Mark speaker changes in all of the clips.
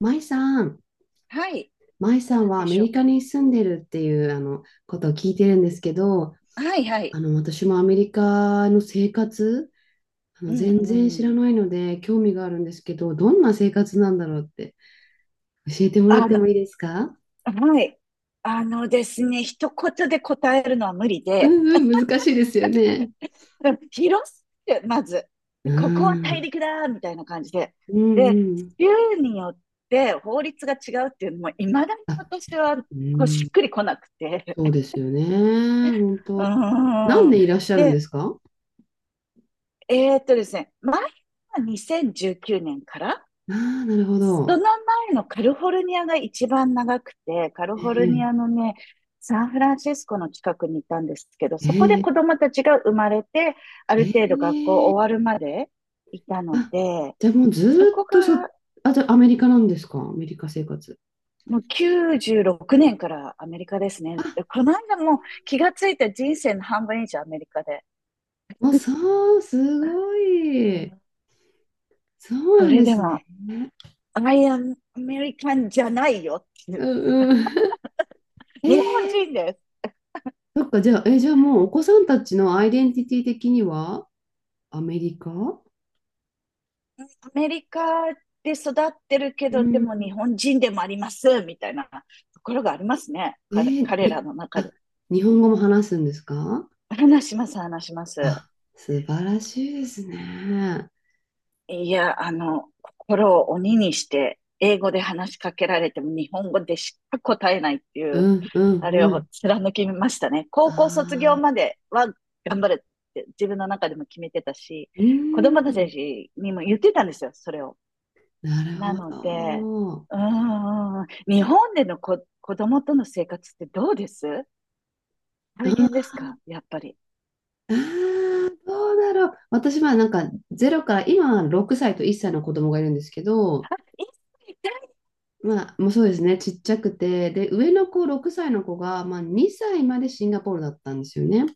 Speaker 1: 舞さん、
Speaker 2: はい。
Speaker 1: 舞さん
Speaker 2: なん
Speaker 1: はア
Speaker 2: で
Speaker 1: メ
Speaker 2: し
Speaker 1: リ
Speaker 2: ょ
Speaker 1: カに住んでるっていうことを聞いてるんですけど、
Speaker 2: う。はいはい。
Speaker 1: 私もアメリカの生活、
Speaker 2: うん
Speaker 1: 全
Speaker 2: う
Speaker 1: 然知ら
Speaker 2: ん。
Speaker 1: ないので興味があるんですけど、どんな生活なんだろうって教えてもらっ
Speaker 2: あ
Speaker 1: て
Speaker 2: の、
Speaker 1: もいいですか？
Speaker 2: はい。あのですね、一言で答えるのは無理
Speaker 1: う
Speaker 2: で、
Speaker 1: んうん、難しいですよね。
Speaker 2: 広すぎて、まず、
Speaker 1: う
Speaker 2: ここは大
Speaker 1: ん、
Speaker 2: 陸だみたいな感じで。
Speaker 1: うん
Speaker 2: で、
Speaker 1: うん。
Speaker 2: 州によって法律が違うっていうのも、いまだに
Speaker 1: あ、
Speaker 2: 私は
Speaker 1: う
Speaker 2: こう
Speaker 1: ん、
Speaker 2: しっくりこなくて。
Speaker 1: そうですよね。本
Speaker 2: う
Speaker 1: 当。
Speaker 2: ー
Speaker 1: 何
Speaker 2: ん。
Speaker 1: 年いらっしゃるんで
Speaker 2: で、
Speaker 1: すか？
Speaker 2: ですね、前は2019年から、
Speaker 1: ああー、なるほ
Speaker 2: そ
Speaker 1: ど。
Speaker 2: の前のカリフォルニアが一番長くて、カリフォ
Speaker 1: え
Speaker 2: ルニア
Speaker 1: え
Speaker 2: のね、サンフランシスコの近くにいたんですけど、そ
Speaker 1: え
Speaker 2: こで子
Speaker 1: え
Speaker 2: 供たちが生まれて、ある程度学校
Speaker 1: ええ。
Speaker 2: 終わるまでいたの
Speaker 1: あ、
Speaker 2: で、
Speaker 1: じゃあもうず
Speaker 2: そ
Speaker 1: ー
Speaker 2: こ
Speaker 1: っ
Speaker 2: が。
Speaker 1: とあ、じゃあアメリカなんですか、アメリカ生活。
Speaker 2: もう96年からアメリカですね。
Speaker 1: あ、
Speaker 2: でこの間もう気がついた、人生の半分以上アメリカで。
Speaker 1: もうそう、すご
Speaker 2: う
Speaker 1: い。
Speaker 2: ん。
Speaker 1: そう
Speaker 2: そ
Speaker 1: なん
Speaker 2: れ
Speaker 1: で
Speaker 2: で
Speaker 1: すね。
Speaker 2: も、I am American じゃないよってい
Speaker 1: う
Speaker 2: う。
Speaker 1: んうん。え
Speaker 2: 日本人
Speaker 1: ー、
Speaker 2: です。
Speaker 1: そっか、じゃあ、え、じゃあもうお子さんたちのアイデンティティ的にはアメリカ。
Speaker 2: アメリカで育ってるけ
Speaker 1: う
Speaker 2: ど、で
Speaker 1: ん。
Speaker 2: も日本人でもあります、みたいなところがありますね。
Speaker 1: え
Speaker 2: 彼
Speaker 1: ー
Speaker 2: 彼ら
Speaker 1: に、
Speaker 2: の中
Speaker 1: あ、
Speaker 2: で。
Speaker 1: 日本語も話すんですか？
Speaker 2: 話します、話します。
Speaker 1: あ、素晴らしいですね。
Speaker 2: いや、心を鬼にして、英語で話しかけられても日本語でしか答えないって
Speaker 1: う
Speaker 2: いう、
Speaker 1: んうん
Speaker 2: あれ
Speaker 1: う
Speaker 2: を
Speaker 1: ん。
Speaker 2: 貫きましたね。高校卒業
Speaker 1: あ
Speaker 2: ま
Speaker 1: あ、
Speaker 2: では頑張るって自分の中でも決めてたし、
Speaker 1: う
Speaker 2: 子供た
Speaker 1: ん。
Speaker 2: ちにも言ってたんですよ、それを。
Speaker 1: なる
Speaker 2: な
Speaker 1: ほ
Speaker 2: ので、
Speaker 1: ど。
Speaker 2: 日本でのこ、子供との生活ってどうです？大変で
Speaker 1: あ、
Speaker 2: すかやっぱり？
Speaker 1: ああ、どうだろう。私はなんか0から、今は6歳と1歳の子供がいるんですけ
Speaker 2: あ、
Speaker 1: ど、
Speaker 2: 一切痛い。
Speaker 1: まあ、もうそうですね、ちっちゃくて、で、上の子、6歳の子が、まあ、2歳までシンガポールだったんですよね。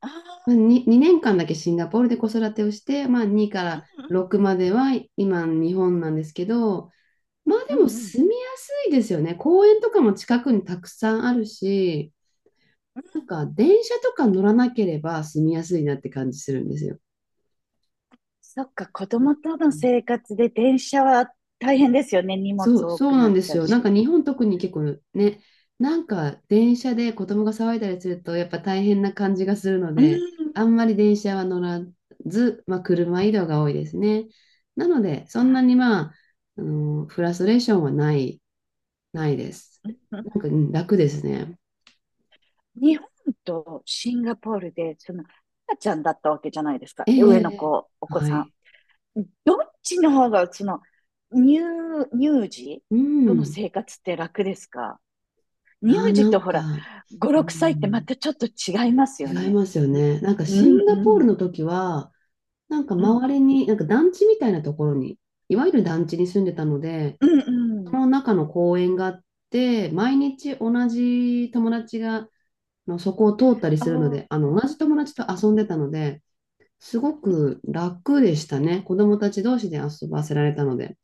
Speaker 2: あ
Speaker 1: ま
Speaker 2: あ、
Speaker 1: あ、2年間だけシンガポールで子育てをして、まあ、2から6までは今、日本なんですけど、まあで
Speaker 2: うんう
Speaker 1: も
Speaker 2: ん。うんうん。
Speaker 1: 住みやすいですよね。公園とかも近くにたくさんあるし、
Speaker 2: うん。
Speaker 1: なんか電車とか乗らなければ住みやすいなって感じするんですよ。
Speaker 2: そっか、子供との生活で電車は大変ですよね。荷物
Speaker 1: そう、
Speaker 2: 多
Speaker 1: そ
Speaker 2: く
Speaker 1: うな
Speaker 2: なっ
Speaker 1: んで
Speaker 2: ち
Speaker 1: す
Speaker 2: ゃう
Speaker 1: よ。なん
Speaker 2: し。
Speaker 1: か日本特に結構ね、なんか電車で子供が騒いだりするとやっぱ大変な感じがするの
Speaker 2: うん。
Speaker 1: で、あんまり電車は乗らず、まあ、車移動が多いですね。なので、そんな
Speaker 2: あ、
Speaker 1: にまあ、あのフラストレーションはないです。
Speaker 2: うんうん。
Speaker 1: なんかうん楽ですね。
Speaker 2: 日本とシンガポールで、赤ちゃんだったわけじゃないですか。
Speaker 1: ええ、ええ
Speaker 2: 上の
Speaker 1: え
Speaker 2: 子、お
Speaker 1: え
Speaker 2: 子
Speaker 1: は
Speaker 2: さん。
Speaker 1: い。
Speaker 2: どっちの方が、乳、乳児
Speaker 1: う
Speaker 2: との
Speaker 1: ん。
Speaker 2: 生活って楽ですか？乳
Speaker 1: ああ、な
Speaker 2: 児と
Speaker 1: ん
Speaker 2: ほら、
Speaker 1: か、う
Speaker 2: 五六歳ってま
Speaker 1: ん、
Speaker 2: たちょっと違いますよ
Speaker 1: 違い
Speaker 2: ね。
Speaker 1: ますよね。なんか
Speaker 2: うん、
Speaker 1: シン
Speaker 2: う
Speaker 1: ガポ
Speaker 2: ん、
Speaker 1: ー
Speaker 2: う
Speaker 1: ル
Speaker 2: ん、
Speaker 1: の時は、なんか周りに、なんか団地みたいなところに、いわゆる団地に住んでたので、
Speaker 2: うん、う
Speaker 1: そ
Speaker 2: ん。
Speaker 1: の中の公園があって、毎日同じ友達がそこを通ったりするの
Speaker 2: あ
Speaker 1: で、同じ
Speaker 2: あ、
Speaker 1: 友達と遊んでたので、すごく楽でしたね。子供たち同士で遊ばせられたので。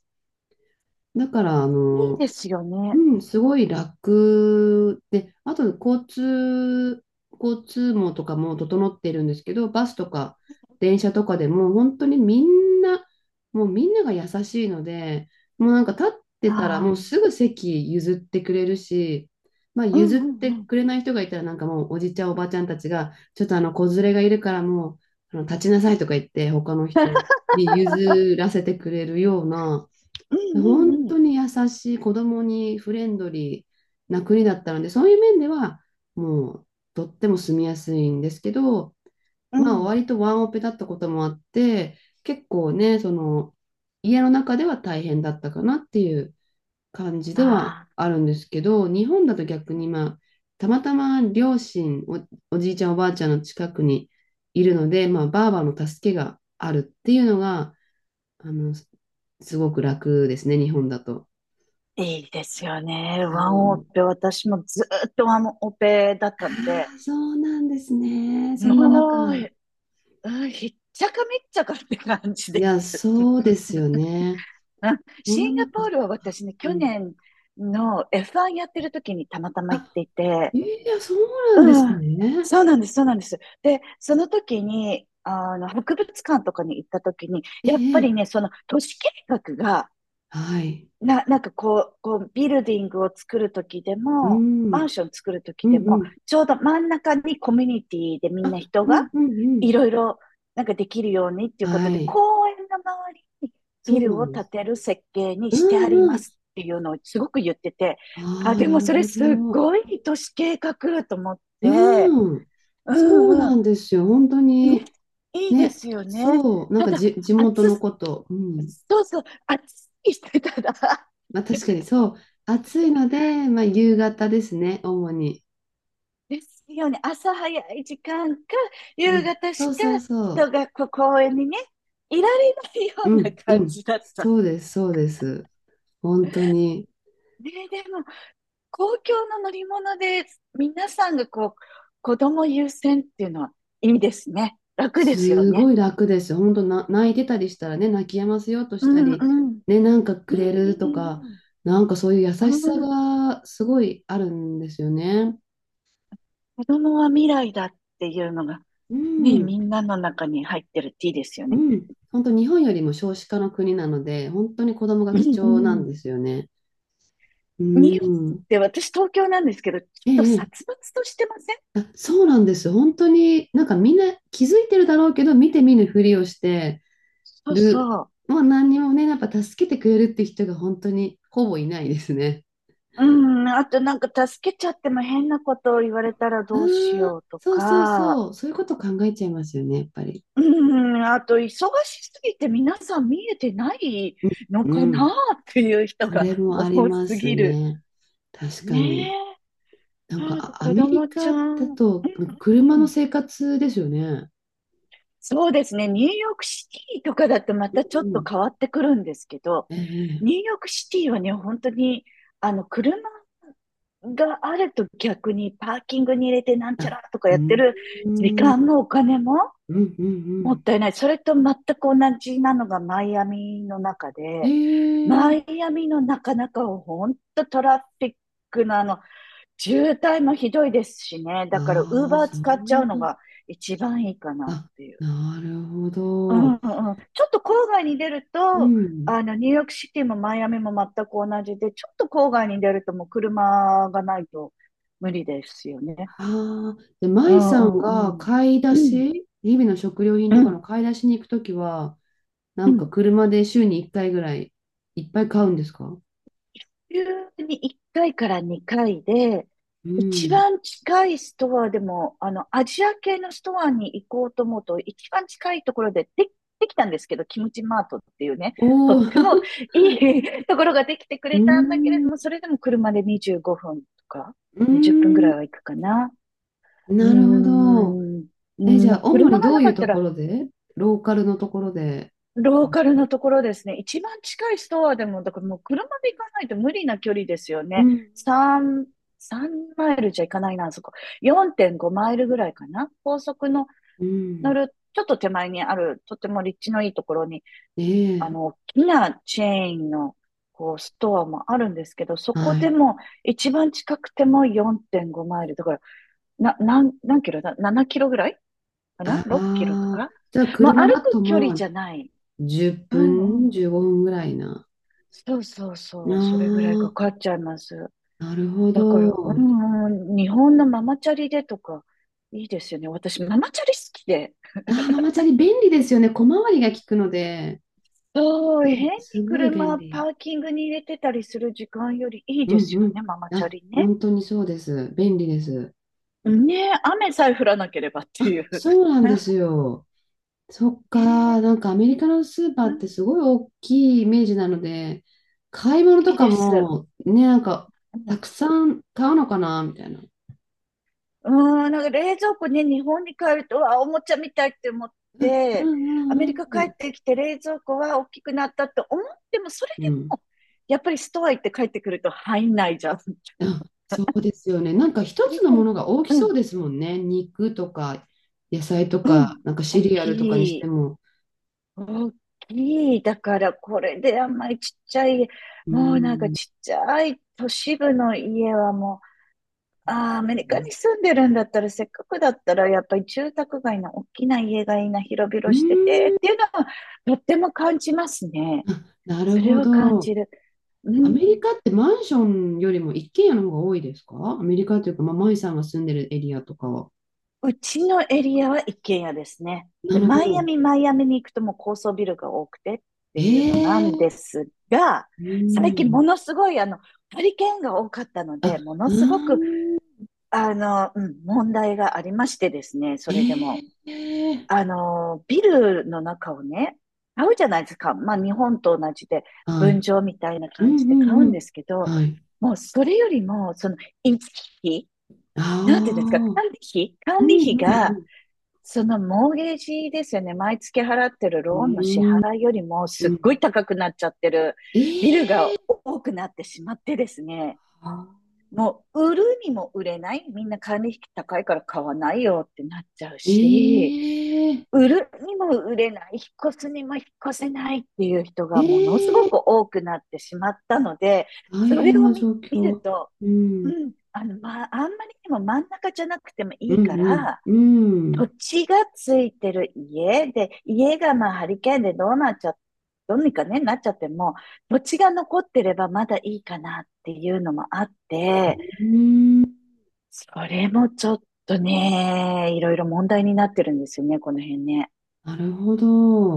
Speaker 1: だから、
Speaker 2: いいですよね。
Speaker 1: うん、すごい楽で、あと交通網とかも整ってるんですけど、バスとか電車とかでも本当にみんな、もうみんなが優しいので、もうなんか立って
Speaker 2: あ
Speaker 1: たらもうすぐ席譲ってくれるし、まあ
Speaker 2: あ、うん、
Speaker 1: 譲っ
Speaker 2: う
Speaker 1: て
Speaker 2: ん、うん、
Speaker 1: くれない人がいたらなんかもうおじちゃんおばちゃんたちが、ちょっとあの子連れがいるからもう立ちなさいとか言って他の人に譲らせてくれるような、
Speaker 2: うん、う
Speaker 1: 本当
Speaker 2: ん、
Speaker 1: に優しい、子供にフレンドリーな国だったので、そういう面では、もう、とっても住みやすいんですけど、
Speaker 2: う
Speaker 1: ま
Speaker 2: ん。
Speaker 1: あ、
Speaker 2: うん。
Speaker 1: 割とワンオペだったこともあって、結構ね、その、家の中では大変だったかなっていう感じでは
Speaker 2: ああ、
Speaker 1: あるんですけど、日本だと逆に、まあ、たまたま両親、おじいちゃん、おばあちゃんの近くにいるので、まあ、ばあばの助けがあるっていうのが、あの、すごく楽ですね、日本だと。
Speaker 2: いいですよね。ワ
Speaker 1: そ
Speaker 2: ンオ
Speaker 1: う。
Speaker 2: ペ、私もずーっとワンオペだっ
Speaker 1: あ
Speaker 2: たんで、
Speaker 1: あ、そうなんですね。そんな
Speaker 2: もう、
Speaker 1: 中。
Speaker 2: うん、ひっちゃかめっちゃかって感じ
Speaker 1: い
Speaker 2: です。
Speaker 1: や、そうです よね。そ
Speaker 2: シ
Speaker 1: んな
Speaker 2: ンガ
Speaker 1: 中、
Speaker 2: ポ
Speaker 1: そ
Speaker 2: ー
Speaker 1: っ
Speaker 2: ルは
Speaker 1: か。
Speaker 2: 私ね、
Speaker 1: う
Speaker 2: 去
Speaker 1: ん。
Speaker 2: 年の F1 やってる時にたまたま行っ
Speaker 1: あ、
Speaker 2: ていて、
Speaker 1: いや、そうなんで
Speaker 2: う
Speaker 1: す
Speaker 2: ん、
Speaker 1: ね。
Speaker 2: そうなんです、そうなんです。で、その時に、博物館とかに行った時に、
Speaker 1: え
Speaker 2: やっぱ
Speaker 1: え、え
Speaker 2: り
Speaker 1: え
Speaker 2: ね、その都市計画が、
Speaker 1: はい。
Speaker 2: なんかこう、ビルディングを作るときで
Speaker 1: う
Speaker 2: も、
Speaker 1: ん、う
Speaker 2: マ
Speaker 1: ん、
Speaker 2: ンション作るとき
Speaker 1: う
Speaker 2: でも、
Speaker 1: ん。
Speaker 2: ちょうど真ん中にコミュニティでみん
Speaker 1: あ、
Speaker 2: な人
Speaker 1: うん、
Speaker 2: が
Speaker 1: うん、うん。
Speaker 2: いろいろなんかできるようにっていうこと
Speaker 1: は
Speaker 2: で、公
Speaker 1: い。
Speaker 2: 園の周りに
Speaker 1: そ
Speaker 2: ビ
Speaker 1: うな
Speaker 2: ル
Speaker 1: ん
Speaker 2: を
Speaker 1: で
Speaker 2: 建
Speaker 1: す。
Speaker 2: てる設計に
Speaker 1: う
Speaker 2: してあり
Speaker 1: ん、
Speaker 2: ま
Speaker 1: うん。
Speaker 2: すっていうのをすごく言ってて、
Speaker 1: あ
Speaker 2: あ、
Speaker 1: あ、
Speaker 2: で
Speaker 1: な
Speaker 2: も
Speaker 1: る
Speaker 2: それ
Speaker 1: ほ
Speaker 2: すっ
Speaker 1: ど。
Speaker 2: ごい都市計画と思って、
Speaker 1: うん。
Speaker 2: う
Speaker 1: そう
Speaker 2: んうん。
Speaker 1: なんですよ。本当
Speaker 2: ね、
Speaker 1: に、
Speaker 2: いいで
Speaker 1: ね、
Speaker 2: すよね。
Speaker 1: そう、なん
Speaker 2: た
Speaker 1: か
Speaker 2: だ、
Speaker 1: じ、地元の
Speaker 2: 暑、
Speaker 1: こと。うん。
Speaker 2: そうそう、暑いしてたら
Speaker 1: まあ確かにそう。暑いので、まあ夕方ですね、主に。
Speaker 2: ですよね。朝早い時間か、
Speaker 1: う
Speaker 2: 夕
Speaker 1: ん。
Speaker 2: 方
Speaker 1: そ
Speaker 2: し
Speaker 1: う
Speaker 2: か
Speaker 1: そうそう。
Speaker 2: 人がこう公園にね、いられないよ
Speaker 1: う
Speaker 2: うな
Speaker 1: ん、う
Speaker 2: 感
Speaker 1: ん。
Speaker 2: じだった。
Speaker 1: そうです、そうです。本当に。
Speaker 2: ねえ、でも、公共の乗り物で皆さんがこう、子供優先っていうのはいいですね。楽ですよ
Speaker 1: す
Speaker 2: ね。
Speaker 1: ごい楽ですよ。本当な、泣いてたりしたらね、泣き止ませようと
Speaker 2: う
Speaker 1: した
Speaker 2: んう
Speaker 1: り、
Speaker 2: ん。
Speaker 1: ね、なんか
Speaker 2: うんう
Speaker 1: くれる
Speaker 2: んう
Speaker 1: とか、
Speaker 2: ん。うん。
Speaker 1: なんかそういう優しさがすごいあるんですよね。
Speaker 2: 子供は未来だっていうのが、
Speaker 1: う
Speaker 2: ね、
Speaker 1: ん、
Speaker 2: みんなの中に入ってるっていいですよ
Speaker 1: う
Speaker 2: ね。
Speaker 1: ん。本当日本よりも少子化の国なので、本当に子供が
Speaker 2: う
Speaker 1: 貴重なん
Speaker 2: んう
Speaker 1: ですよね。う
Speaker 2: ん。日本っ
Speaker 1: ん。
Speaker 2: て私東京なんですけど、ちょっ
Speaker 1: え
Speaker 2: と
Speaker 1: え、え、
Speaker 2: 殺伐としてません？
Speaker 1: あ、そうなんですよ。本当に、なんかみんな気づいてるだろうけど、見て見ぬふりをして
Speaker 2: そう
Speaker 1: る。
Speaker 2: そう。
Speaker 1: もう何にもね、やっぱ助けてくれるって人が本当にほぼいないですね。
Speaker 2: うん、あとなんか助けちゃっても変なことを言われたらどうし
Speaker 1: うーん、
Speaker 2: ようと
Speaker 1: そうそう
Speaker 2: か、
Speaker 1: そう。そういうこと考えちゃいますよね、やっぱり。
Speaker 2: うん、あと忙しすぎて皆さん見えてない
Speaker 1: うん。
Speaker 2: の
Speaker 1: う
Speaker 2: かな
Speaker 1: ん、
Speaker 2: っていう人
Speaker 1: そ
Speaker 2: が
Speaker 1: れも
Speaker 2: 多
Speaker 1: ありま
Speaker 2: す
Speaker 1: す
Speaker 2: ぎる。
Speaker 1: ね。確か
Speaker 2: ね
Speaker 1: に。
Speaker 2: え。
Speaker 1: なんか、
Speaker 2: なんか
Speaker 1: あア
Speaker 2: 子
Speaker 1: メリ
Speaker 2: 供ちゃ
Speaker 1: カだ
Speaker 2: ん。
Speaker 1: と、なんか
Speaker 2: う
Speaker 1: 車の
Speaker 2: ん。
Speaker 1: 生活ですよね。
Speaker 2: そうですね。ニューヨークシティとかだとま
Speaker 1: う
Speaker 2: たちょっと
Speaker 1: ん。
Speaker 2: 変わってくるんですけど、
Speaker 1: ええ
Speaker 2: ニューヨークシティはね、本当に、車があると逆にパーキングに入れてなんちゃ
Speaker 1: あ、
Speaker 2: らとか
Speaker 1: う
Speaker 2: やって
Speaker 1: ん。
Speaker 2: る
Speaker 1: う
Speaker 2: 時間
Speaker 1: ん
Speaker 2: もお金も
Speaker 1: うんう
Speaker 2: もっ
Speaker 1: ん。
Speaker 2: たいない。それと全く同じなのがマイアミの中で、
Speaker 1: え
Speaker 2: マ
Speaker 1: え、
Speaker 2: イアミのなかなか本当トラフィックの渋滞もひどいですしね。だから、ウー
Speaker 1: あ
Speaker 2: バ
Speaker 1: あ、
Speaker 2: ー
Speaker 1: そう
Speaker 2: 使っちゃうの
Speaker 1: なん
Speaker 2: が一番いいかなっ
Speaker 1: だ。
Speaker 2: ていう。
Speaker 1: なるほ
Speaker 2: うんう
Speaker 1: ど。
Speaker 2: ん、ちょっと郊外に出る
Speaker 1: う
Speaker 2: と、
Speaker 1: ん。
Speaker 2: ニューヨークシティもマイアミも全く同じで、ちょっと郊外に出るともう車がないと無理ですよね。
Speaker 1: ああ、で、
Speaker 2: う
Speaker 1: 舞さん
Speaker 2: んう
Speaker 1: が
Speaker 2: んうん。
Speaker 1: 買い出
Speaker 2: うん
Speaker 1: し、日々の食料品と
Speaker 2: う
Speaker 1: か
Speaker 2: ん
Speaker 1: の買い出しに行くときは、な
Speaker 2: う
Speaker 1: んか
Speaker 2: ん。
Speaker 1: 車で週に1回ぐらいいっぱい買うんですか？
Speaker 2: 週に1回かいから2回で、
Speaker 1: う
Speaker 2: 一
Speaker 1: ん。
Speaker 2: 番近いストアでも、アジア系のストアに行こうと思うと、一番近いところで、できたんですけど、キムチマートっていうね、と
Speaker 1: おお、
Speaker 2: っ
Speaker 1: う
Speaker 2: てもいい ところができてく
Speaker 1: ー
Speaker 2: れたんだけれ
Speaker 1: ん、
Speaker 2: ども、それでも車で25分とか、
Speaker 1: う
Speaker 2: 20分ぐ
Speaker 1: ん、
Speaker 2: らいは行くかな。うー
Speaker 1: なるほど。
Speaker 2: ん、う
Speaker 1: え、
Speaker 2: ん、
Speaker 1: じ
Speaker 2: も
Speaker 1: ゃあ、
Speaker 2: う
Speaker 1: 主
Speaker 2: 車
Speaker 1: に
Speaker 2: が
Speaker 1: ど
Speaker 2: な
Speaker 1: う
Speaker 2: か
Speaker 1: いう
Speaker 2: っ
Speaker 1: と
Speaker 2: た
Speaker 1: こ
Speaker 2: ら、
Speaker 1: ろで。ローカルのところで。
Speaker 2: ローカルのところですね。一番近いストアでも、だからもう車で行かないと無理な距離ですよ
Speaker 1: う
Speaker 2: ね。
Speaker 1: ん。
Speaker 2: 3、3マイルじゃ行かないな、あそこ。4.5マイルぐらいかな。高速の
Speaker 1: う
Speaker 2: 乗
Speaker 1: ん。
Speaker 2: る、ちょっと手前にある、とても立地のいいところに、
Speaker 1: ええ、
Speaker 2: 大きなチェーンの、こう、ストアもあるんですけど、そこ
Speaker 1: は
Speaker 2: で
Speaker 1: い。
Speaker 2: も、一番近くても4.5マイル。だから、何キロだ？ 7 キロぐらいかな？
Speaker 1: あ
Speaker 2: 6 キロと
Speaker 1: あ、
Speaker 2: か。
Speaker 1: じゃあ、
Speaker 2: まあ、
Speaker 1: 車
Speaker 2: 歩
Speaker 1: だ
Speaker 2: く
Speaker 1: と
Speaker 2: 距離
Speaker 1: ま
Speaker 2: じ
Speaker 1: あ、
Speaker 2: ゃない。
Speaker 1: 10
Speaker 2: うんう
Speaker 1: 分、
Speaker 2: ん。
Speaker 1: 15分ぐらいな。
Speaker 2: そうそう
Speaker 1: あ
Speaker 2: そう、それぐらいか
Speaker 1: あ、
Speaker 2: かっちゃいます。
Speaker 1: なるほ
Speaker 2: だから、
Speaker 1: ど。
Speaker 2: 日本のママチャリでとか、いいですよね。私、ママチャリ好きで。
Speaker 1: ああ、ママチャリ便利ですよね。小回りが利くので。
Speaker 2: そう、
Speaker 1: そ
Speaker 2: 変
Speaker 1: う、
Speaker 2: に
Speaker 1: すごい便
Speaker 2: 車、パ
Speaker 1: 利。
Speaker 2: ーキングに入れてたりする時間よりいい
Speaker 1: う
Speaker 2: で
Speaker 1: ん
Speaker 2: す
Speaker 1: う
Speaker 2: よ
Speaker 1: ん。
Speaker 2: ね、ママチャ
Speaker 1: あ、
Speaker 2: リね。
Speaker 1: 本当にそうです。便利です。
Speaker 2: ねえ、雨さえ降らなければっていう。
Speaker 1: そうなんです よ。そっ
Speaker 2: ね
Speaker 1: か、
Speaker 2: え、
Speaker 1: なんかアメリカのスーパー
Speaker 2: う
Speaker 1: っ
Speaker 2: ん、
Speaker 1: てすごい大きいイメージなので、買い
Speaker 2: 大
Speaker 1: 物
Speaker 2: き
Speaker 1: と
Speaker 2: い
Speaker 1: か
Speaker 2: です。
Speaker 1: もね、なんかたくさん買うのかなみたいな。
Speaker 2: うーん、なんか冷蔵庫ね、日本に帰ると、あ、おもちゃみたいって思っ
Speaker 1: う
Speaker 2: て、アメ
Speaker 1: んう
Speaker 2: リ
Speaker 1: ん
Speaker 2: カ
Speaker 1: う
Speaker 2: 帰
Speaker 1: ん。
Speaker 2: ってきて冷蔵庫は大きくなったと思っても、それ
Speaker 1: う
Speaker 2: で
Speaker 1: ん、
Speaker 2: も、やっぱりストア行って帰ってくると入んないじゃん。
Speaker 1: あ、そうですよね。なんか一つのものが大き
Speaker 2: う
Speaker 1: そう
Speaker 2: ん、
Speaker 1: ですもんね。肉とか野菜と
Speaker 2: う
Speaker 1: か、
Speaker 2: ん。
Speaker 1: なんかシ
Speaker 2: 大
Speaker 1: リア
Speaker 2: き
Speaker 1: ルとかにして
Speaker 2: い。
Speaker 1: も。
Speaker 2: 大きい。だから、これであんまりちっちゃい、
Speaker 1: う
Speaker 2: もうなんか
Speaker 1: ーん。
Speaker 2: ちっちゃい都市部の家はもう。ああ、アメリカに住んでるんだったら、せっかくだったら、やっぱり住宅街の大きな家がいいな、広
Speaker 1: う
Speaker 2: 々して
Speaker 1: ー
Speaker 2: て、
Speaker 1: ん。
Speaker 2: っていうのは、とっても感じますね。
Speaker 1: あ、なる
Speaker 2: それ
Speaker 1: ほ
Speaker 2: は感
Speaker 1: ど。
Speaker 2: じる。う
Speaker 1: アメリ
Speaker 2: ん。
Speaker 1: カってマンションよりも一軒家の方が多いですか、アメリカというか、まあ、マイさんが住んでるエリアとかは。
Speaker 2: うちのエリアは一軒家ですね。
Speaker 1: な
Speaker 2: で、
Speaker 1: るほ
Speaker 2: マイア
Speaker 1: ど。
Speaker 2: ミ、マイアミに行くともう高層ビルが多くてっていう
Speaker 1: え
Speaker 2: のな
Speaker 1: え
Speaker 2: ん
Speaker 1: ー。
Speaker 2: ですが、
Speaker 1: うー
Speaker 2: 最近も
Speaker 1: ん。
Speaker 2: のすごいハリケーンが多かったので、
Speaker 1: あ、
Speaker 2: もの
Speaker 1: う
Speaker 2: すごく、
Speaker 1: ーん。
Speaker 2: 問題がありましてですね、それで
Speaker 1: え
Speaker 2: も。
Speaker 1: えー。
Speaker 2: ビルの中をね、買うじゃないですか。まあ、日本と同じで、
Speaker 1: は
Speaker 2: 分
Speaker 1: い。
Speaker 2: 譲みたいな
Speaker 1: うん
Speaker 2: 感じ
Speaker 1: う
Speaker 2: で買う
Speaker 1: んう
Speaker 2: んで
Speaker 1: ん。
Speaker 2: すけど、
Speaker 1: はい。
Speaker 2: もうそれよりも、維持費、
Speaker 1: あ
Speaker 2: なんていうんですか、
Speaker 1: あ。
Speaker 2: 管理費、
Speaker 1: う
Speaker 2: 管理
Speaker 1: んう
Speaker 2: 費
Speaker 1: んう
Speaker 2: が、
Speaker 1: ん。
Speaker 2: そのモーゲージですよね、毎月払ってる
Speaker 1: う
Speaker 2: ローンの支
Speaker 1: ーん。
Speaker 2: 払いよりも、
Speaker 1: う
Speaker 2: すっご
Speaker 1: ん
Speaker 2: い高くなっちゃってるビル
Speaker 1: ええ
Speaker 2: が多くなってしまってですね、
Speaker 1: あ
Speaker 2: もう売るにも売れない、みんな管理費高いから買わないよってなっちゃう
Speaker 1: え
Speaker 2: し、
Speaker 1: え
Speaker 2: 売るにも売れない、引っ越すにも引っ越せないっていう人がものすご
Speaker 1: ええ
Speaker 2: く多くなってしまったので、
Speaker 1: 大
Speaker 2: それ
Speaker 1: 変
Speaker 2: を
Speaker 1: な状
Speaker 2: 見る
Speaker 1: 況。
Speaker 2: と、
Speaker 1: うん。
Speaker 2: まあ、あんまりにも真ん中じゃなくてもい
Speaker 1: う
Speaker 2: いか
Speaker 1: ん
Speaker 2: ら、
Speaker 1: うん。う
Speaker 2: 土
Speaker 1: ん。
Speaker 2: 地がついてる家で、家がまあハリケーンでどうにかね、なっちゃっても、土地が残ってればまだいいかなっていうのもあっ
Speaker 1: う
Speaker 2: て、
Speaker 1: ーん。
Speaker 2: それもちょっとね、いろいろ問題になってるんですよね、この辺ね。
Speaker 1: なるほど。